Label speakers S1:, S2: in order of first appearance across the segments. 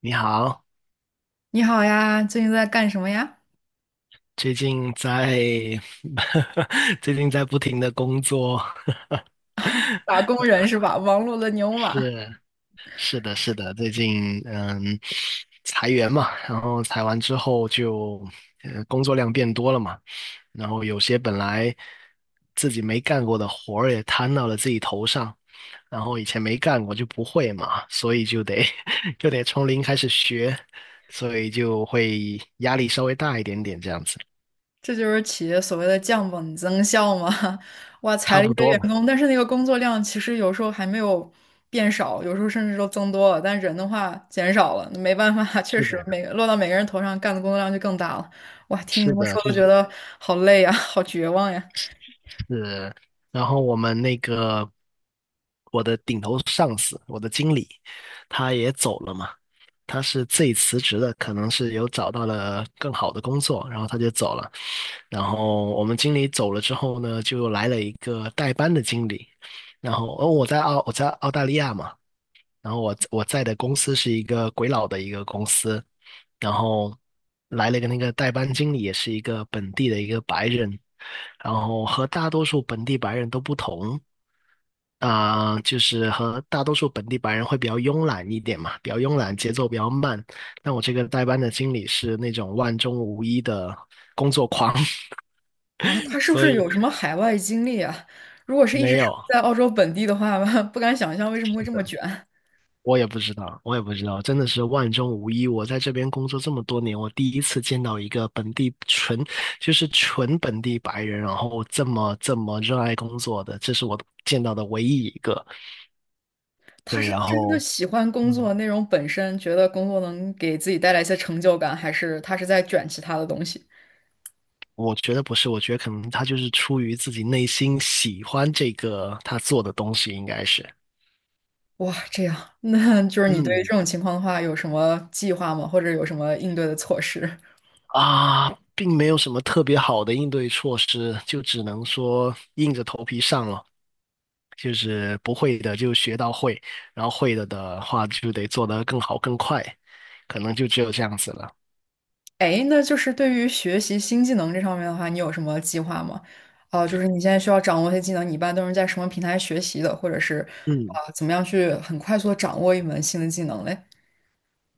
S1: 你好，
S2: 你好呀，最近在干什么呀？
S1: 最近在 最近在不停的工作，
S2: 打工人是吧？忙碌的 牛马，
S1: 是是的，最近裁员嘛，然后裁完之后就工作量变多了嘛，然后有些本来自己没干过的活儿也摊到了自己头上，然后以前没干过就不会嘛，所以就得 就得从零开始学，所以就会压力稍微大一点点这样子，
S2: 这就是企业所谓的降本增效嘛。哇，裁
S1: 差
S2: 了一
S1: 不
S2: 堆
S1: 多
S2: 员
S1: 吧。
S2: 工，但是那个工作量其实有时候还没有变少，有时候甚至都增多了，但人的话减少了，没办法，确
S1: 是的。
S2: 实每个落到每个人头上干的工作量就更大了。哇，听你这
S1: 是
S2: 么
S1: 的，
S2: 说都
S1: 就
S2: 觉
S1: 是
S2: 得好累呀，好绝望呀！
S1: 是，然后我们我的顶头上司，我的经理，他也走了嘛，他是自己辞职的，可能是有找到了更好的工作，然后他就走了。然后我们经理走了之后呢，就来了一个代班的经理，然后哦，我在澳大利亚嘛，然后我在的公司是一个鬼佬的一个公司，然后来了一个那个代班经理，也是一个本地的一个白人，然后和大多数本地白人都不同，就是和大多数本地白人会比较慵懒一点嘛，比较慵懒，节奏比较慢。但我这个代班的经理是那种万中无一的工作狂，
S2: 啊，他 是不
S1: 所
S2: 是
S1: 以
S2: 有什么海外经历啊？如果是一直
S1: 没
S2: 生
S1: 有。
S2: 活在澳洲本地的话，不敢想象为什么会这么卷。
S1: 我也不知道，我也不知道，真的是万中无一。我在这边工作这么多年，我第一次见到一个本地纯，就是纯本地白人，然后这么热爱工作的，这是我见到的唯一一个。
S2: 他
S1: 对，
S2: 是
S1: 然
S2: 真的
S1: 后，
S2: 喜欢工
S1: 嗯，
S2: 作内容本身，觉得工作能给自己带来一些成就感，还是他是在卷其他的东西？
S1: 我觉得不是，我觉得可能他就是出于自己内心喜欢这个他做的东西，应该是，
S2: 哇，这样，那就是你对于
S1: 嗯。
S2: 这种情况的话，有什么计划吗？或者有什么应对的措施？
S1: 啊，并没有什么特别好的应对措施，就只能说硬着头皮上了。就是不会的就学到会，然后会了的话就得做得更好更快，可能就只有这样子了。
S2: 哎，那就是对于学习新技能这上面的话，你有什么计划吗？啊、就是你现在需要掌握一些技能，你一般都是在什么平台学习的，或者是
S1: 嗯。
S2: 啊、怎么样去很快速的掌握一门新的技能嘞？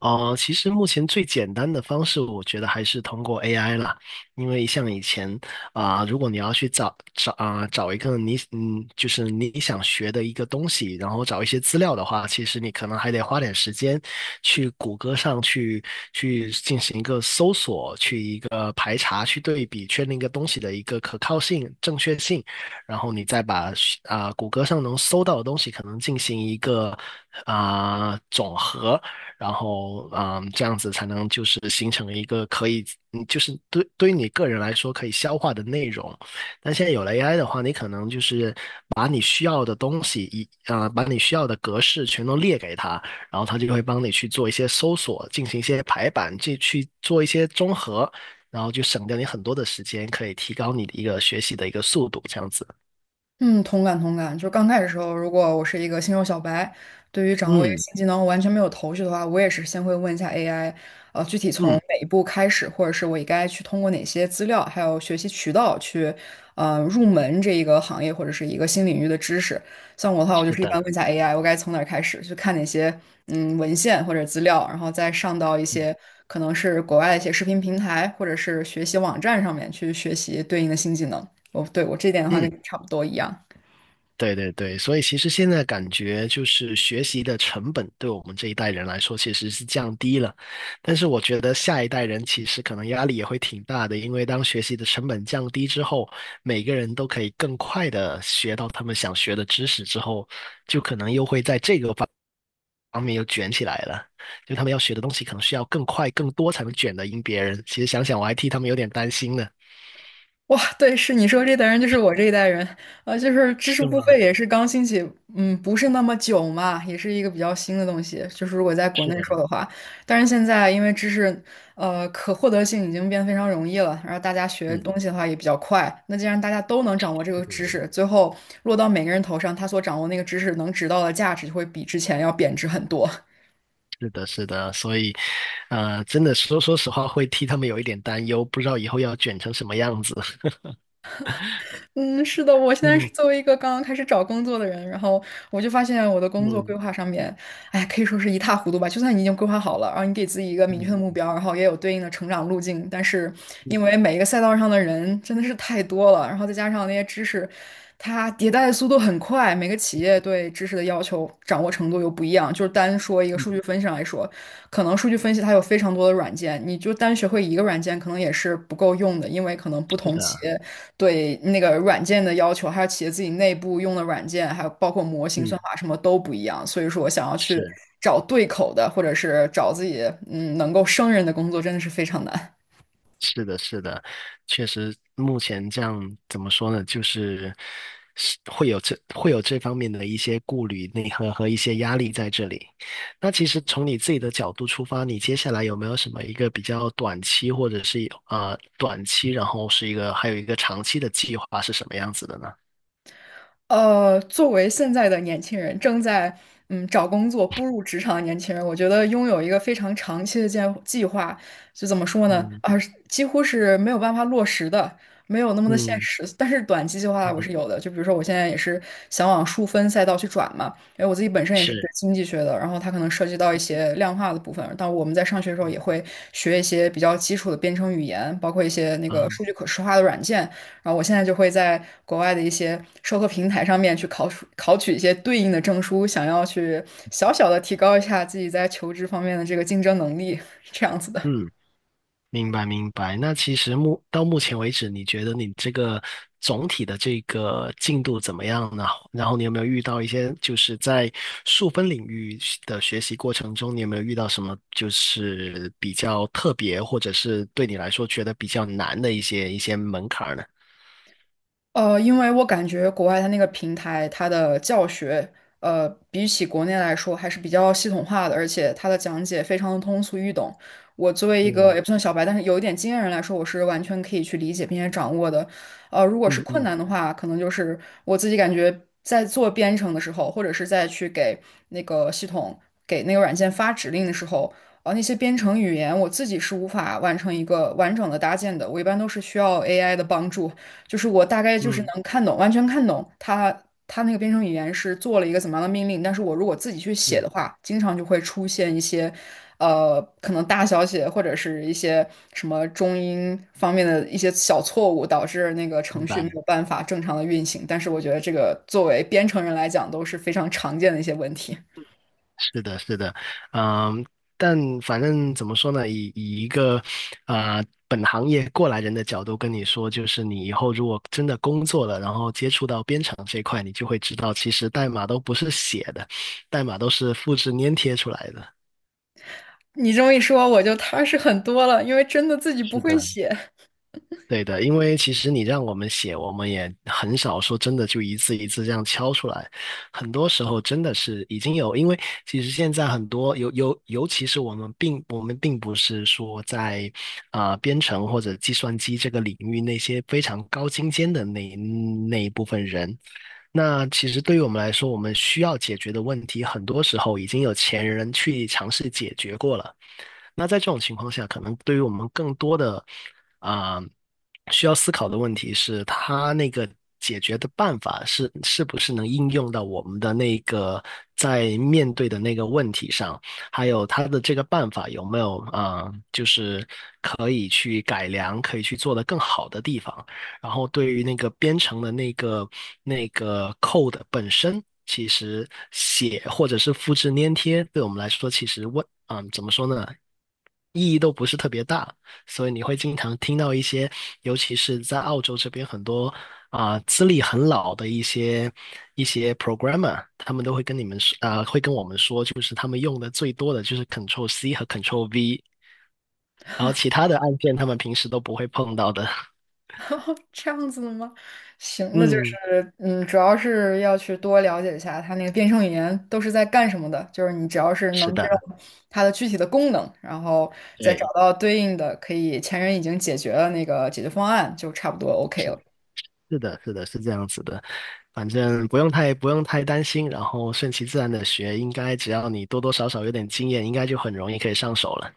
S1: 其实目前最简单的方式，我觉得还是通过 AI 啦，因为像以前如果你要去找找一个你就是你想学的一个东西，然后找一些资料的话，其实你可能还得花点时间去谷歌上去进行一个搜索，去一个排查，去对比，确定一个东西的一个可靠性、正确性，然后你再把谷歌上能搜到的东西，可能进行一个总和。然后这样子才能就是形成一个可以，就是对于你个人来说可以消化的内容。但现在有了 AI 的话，你可能就是把你需要的东西一把你需要的格式全都列给它，然后它就会帮你去做一些搜索，进行一些排版，去做一些综合，然后就省掉你很多的时间，可以提高你的一个学习的一个速度，这样子。
S2: 嗯，同感同感。就刚开始的时候，如果我是一个新手小白，对于掌握一个
S1: 嗯
S2: 新技能完全没有头绪的话，我也是先会问一下 AI，具体从
S1: 嗯，
S2: 哪一步开始，或者是我应该去通过哪些资料，还有学习渠道去，入门这一个行业或者是一个新领域的知识。像我的话，我就
S1: 是
S2: 是一
S1: 的，
S2: 般问一下 AI，我该从哪儿开始，去看哪些文献或者资料，然后再上到一些可能是国外的一些视频平台或者是学习网站上面去学习对应的新技能。哦，对，我这点的话
S1: 嗯。
S2: 跟你差不多一样。
S1: 对对对，所以其实现在感觉就是学习的成本对我们这一代人来说其实是降低了，但是我觉得下一代人其实可能压力也会挺大的，因为当学习的成本降低之后，每个人都可以更快的学到他们想学的知识之后，就可能又会在这个方面又卷起来了，就他们要学的东西可能需要更快更多才能卷得赢别人。其实想想我还替他们有点担心呢。
S2: 哇，对，是你说这代人就是我这一代人，就是知识
S1: 是
S2: 付费
S1: 吗？
S2: 也是刚兴起，嗯，不是那么久嘛，也是一个比较新的东西。就是如果在国内说
S1: 是，
S2: 的话，但是现在因为知识，可获得性已经变得非常容易了，然后大家学
S1: 嗯，
S2: 东西的话也比较快。那既然大家都能掌握这个知
S1: 是
S2: 识，最后落到每个人头上，他所掌握那个知识能值到的价值就会比之前要贬值很多。
S1: 是的，是的，所以，呃，真的说实话，会替他们有一点担忧，不知道以后要卷成什么样子。
S2: 嗯，是的，我现在是
S1: 嗯
S2: 作为一个刚刚开始找工作的人，然后我就发现我的工作规
S1: 嗯
S2: 划上面，哎，可以说是一塌糊涂吧。就算你已经规划好了，然后你给自己一个明确的目
S1: 嗯
S2: 标，然后也有对应的成长路径，但是
S1: 嗯
S2: 因为每一个赛道上的人真的是太多了，然后再加上那些知识，它迭代的速度很快，每个企业对知识的要求掌握程度又不一样。就是单说一个
S1: 嗯，
S2: 数据分析来说，可能数据分析它有非常多的软件，你就单学会一个软件可能也是不够用的，因为可能不
S1: 是
S2: 同企
S1: 的，
S2: 业。对那个软件的要求，还有企业自己内部用的软件，还有包括模型、算
S1: 嗯
S2: 法什么都不一样。所以说，我想要去
S1: 是。
S2: 找对口的，或者是找自己能够胜任的工作，真的是非常难。
S1: 是的，是的，确实，目前这样怎么说呢，就是是会有这方面的一些顾虑、内核和一些压力在这里。那其实从你自己的角度出发，你接下来有没有什么一个比较短期，或者是短期，然后是一个还有一个长期的计划是什么样子的呢？
S2: 作为现在的年轻人，正在找工作、步入职场的年轻人，我觉得拥有一个非常长期的计划，就怎么说呢？
S1: 嗯
S2: 几乎是没有办法落实的，没有那么的现
S1: 嗯
S2: 实。但是短期计划我
S1: 嗯，
S2: 是有的，就比如说我现在也是想往数分赛道去转嘛，因为我自己本身也是学
S1: 是，
S2: 经济学的，然后它可能涉及到一些量化的部分。但我们在上学的时候也
S1: 嗯
S2: 会学一些比较基础的编程语言，包括一些那个数据可视化的软件。然后我现在就会在国外的一些授课平台上面去考取一些对应的证书，想要去小小的提高一下自己在求职方面的这个竞争能力，这样子的。
S1: 嗯。明白明白。那其实到目前为止，你觉得你这个总体的这个进度怎么样呢？然后你有没有遇到一些就是在数分领域的学习过程中，你有没有遇到什么就是比较特别，或者是对你来说觉得比较难的一些门槛儿呢？
S2: 因为我感觉国外它那个平台，它的教学，比起国内来说还是比较系统化的，而且它的讲解非常的通俗易懂。我作为一个
S1: 嗯
S2: 也不算小白，但是有一点经验人来说，我是完全可以去理解并且掌握的。如果是
S1: 嗯
S2: 困
S1: 嗯
S2: 难的话，可能就是我自己感觉在做编程的时候，或者是在去给那个系统、给那个软件发指令的时候，那些编程语言我自己是无法完成一个完整的搭建的，我一般都是需要 AI 的帮助。就是我大概就是
S1: 嗯
S2: 能看懂，完全看懂它那个编程语言是做了一个怎么样的命令，但是我如果自己去写
S1: 嗯，
S2: 的话，经常就会出现一些，可能大小写或者是一些什么中英方面的一些小错误，导致那个程
S1: 明
S2: 序没
S1: 白。
S2: 有办法正常的运行。但是我觉得这个作为编程人来讲都是非常常见的一些问题。
S1: 是的，是的，嗯，但反正怎么说呢，以一个本行业过来人的角度跟你说，就是你以后如果真的工作了，然后接触到编程这一块，你就会知道，其实代码都不是写的，代码都是复制粘贴出来的。
S2: 你这么一说，我就踏实很多了，因为真的自己不
S1: 是
S2: 会
S1: 的。
S2: 写。
S1: 对的，因为其实你让我们写，我们也很少说真的就一字一字这样敲出来。很多时候真的是已经有，因为其实现在很多尤其是我们并不是说在编程或者计算机这个领域那些非常高精尖的那一部分人。那其实对于我们来说，我们需要解决的问题，很多时候已经有前人去尝试解决过了。那在这种情况下，可能对于我们更多的啊、需要思考的问题是，它那个解决的办法是不是能应用到我们的那个在面对的那个问题上，还有它的这个办法有没有就是可以去改良、可以去做得更好的地方。然后对于那个编程的那个 code 本身，其实写或者是复制粘贴，对我们来说，其实问，怎么说呢，意义都不是特别大。所以你会经常听到一些，尤其是在澳洲这边很多资历很老的一些 programmer，他们都会跟你们说，会跟我们说，就是他们用的最多的就是 Control C 和 Control V，然后其他的按键他们平时都不会碰到的。
S2: 这样子的吗？行，那就
S1: 嗯，
S2: 是嗯，主要是要去多了解一下它那个变声语言都是在干什么的，就是你只要是
S1: 是
S2: 能知
S1: 的。
S2: 道它的具体的功能，然后再找
S1: 对，
S2: 到对应的可以前人已经解决了那个解决方案，就差不多 OK 了。
S1: 是的，是的，是这样子的，反正不用太担心，然后顺其自然的学，应该只要你多多少少有点经验，应该就很容易可以上手了。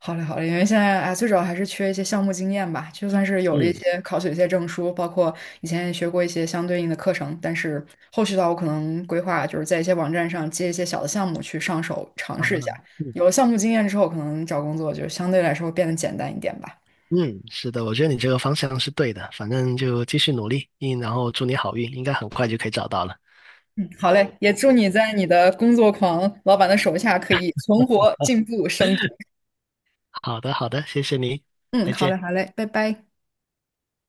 S2: 好嘞，好嘞，因为现在啊，最主要还是缺一些项目经验吧。就算是有了一
S1: 嗯，
S2: 些考取了一些证书，包括以前也学过一些相对应的课程，但是后续的话，我可能规划就是在一些网站上接一些小的项目去上手尝
S1: 好
S2: 试
S1: 的
S2: 一下。
S1: 嗯
S2: 有了项目经验之后，可能找工作就相对来说会变得简单一点吧。
S1: 嗯，是的，我觉得你这个方向是对的，反正就继续努力，嗯，然后祝你好运，应该很快就可以找到了。
S2: 嗯，好嘞，也祝你在你的工作狂老板的手下可以存活、进步、升职。
S1: 好的，好的，谢谢你，
S2: 嗯，
S1: 再
S2: 好嘞，
S1: 见。
S2: 好嘞，拜拜。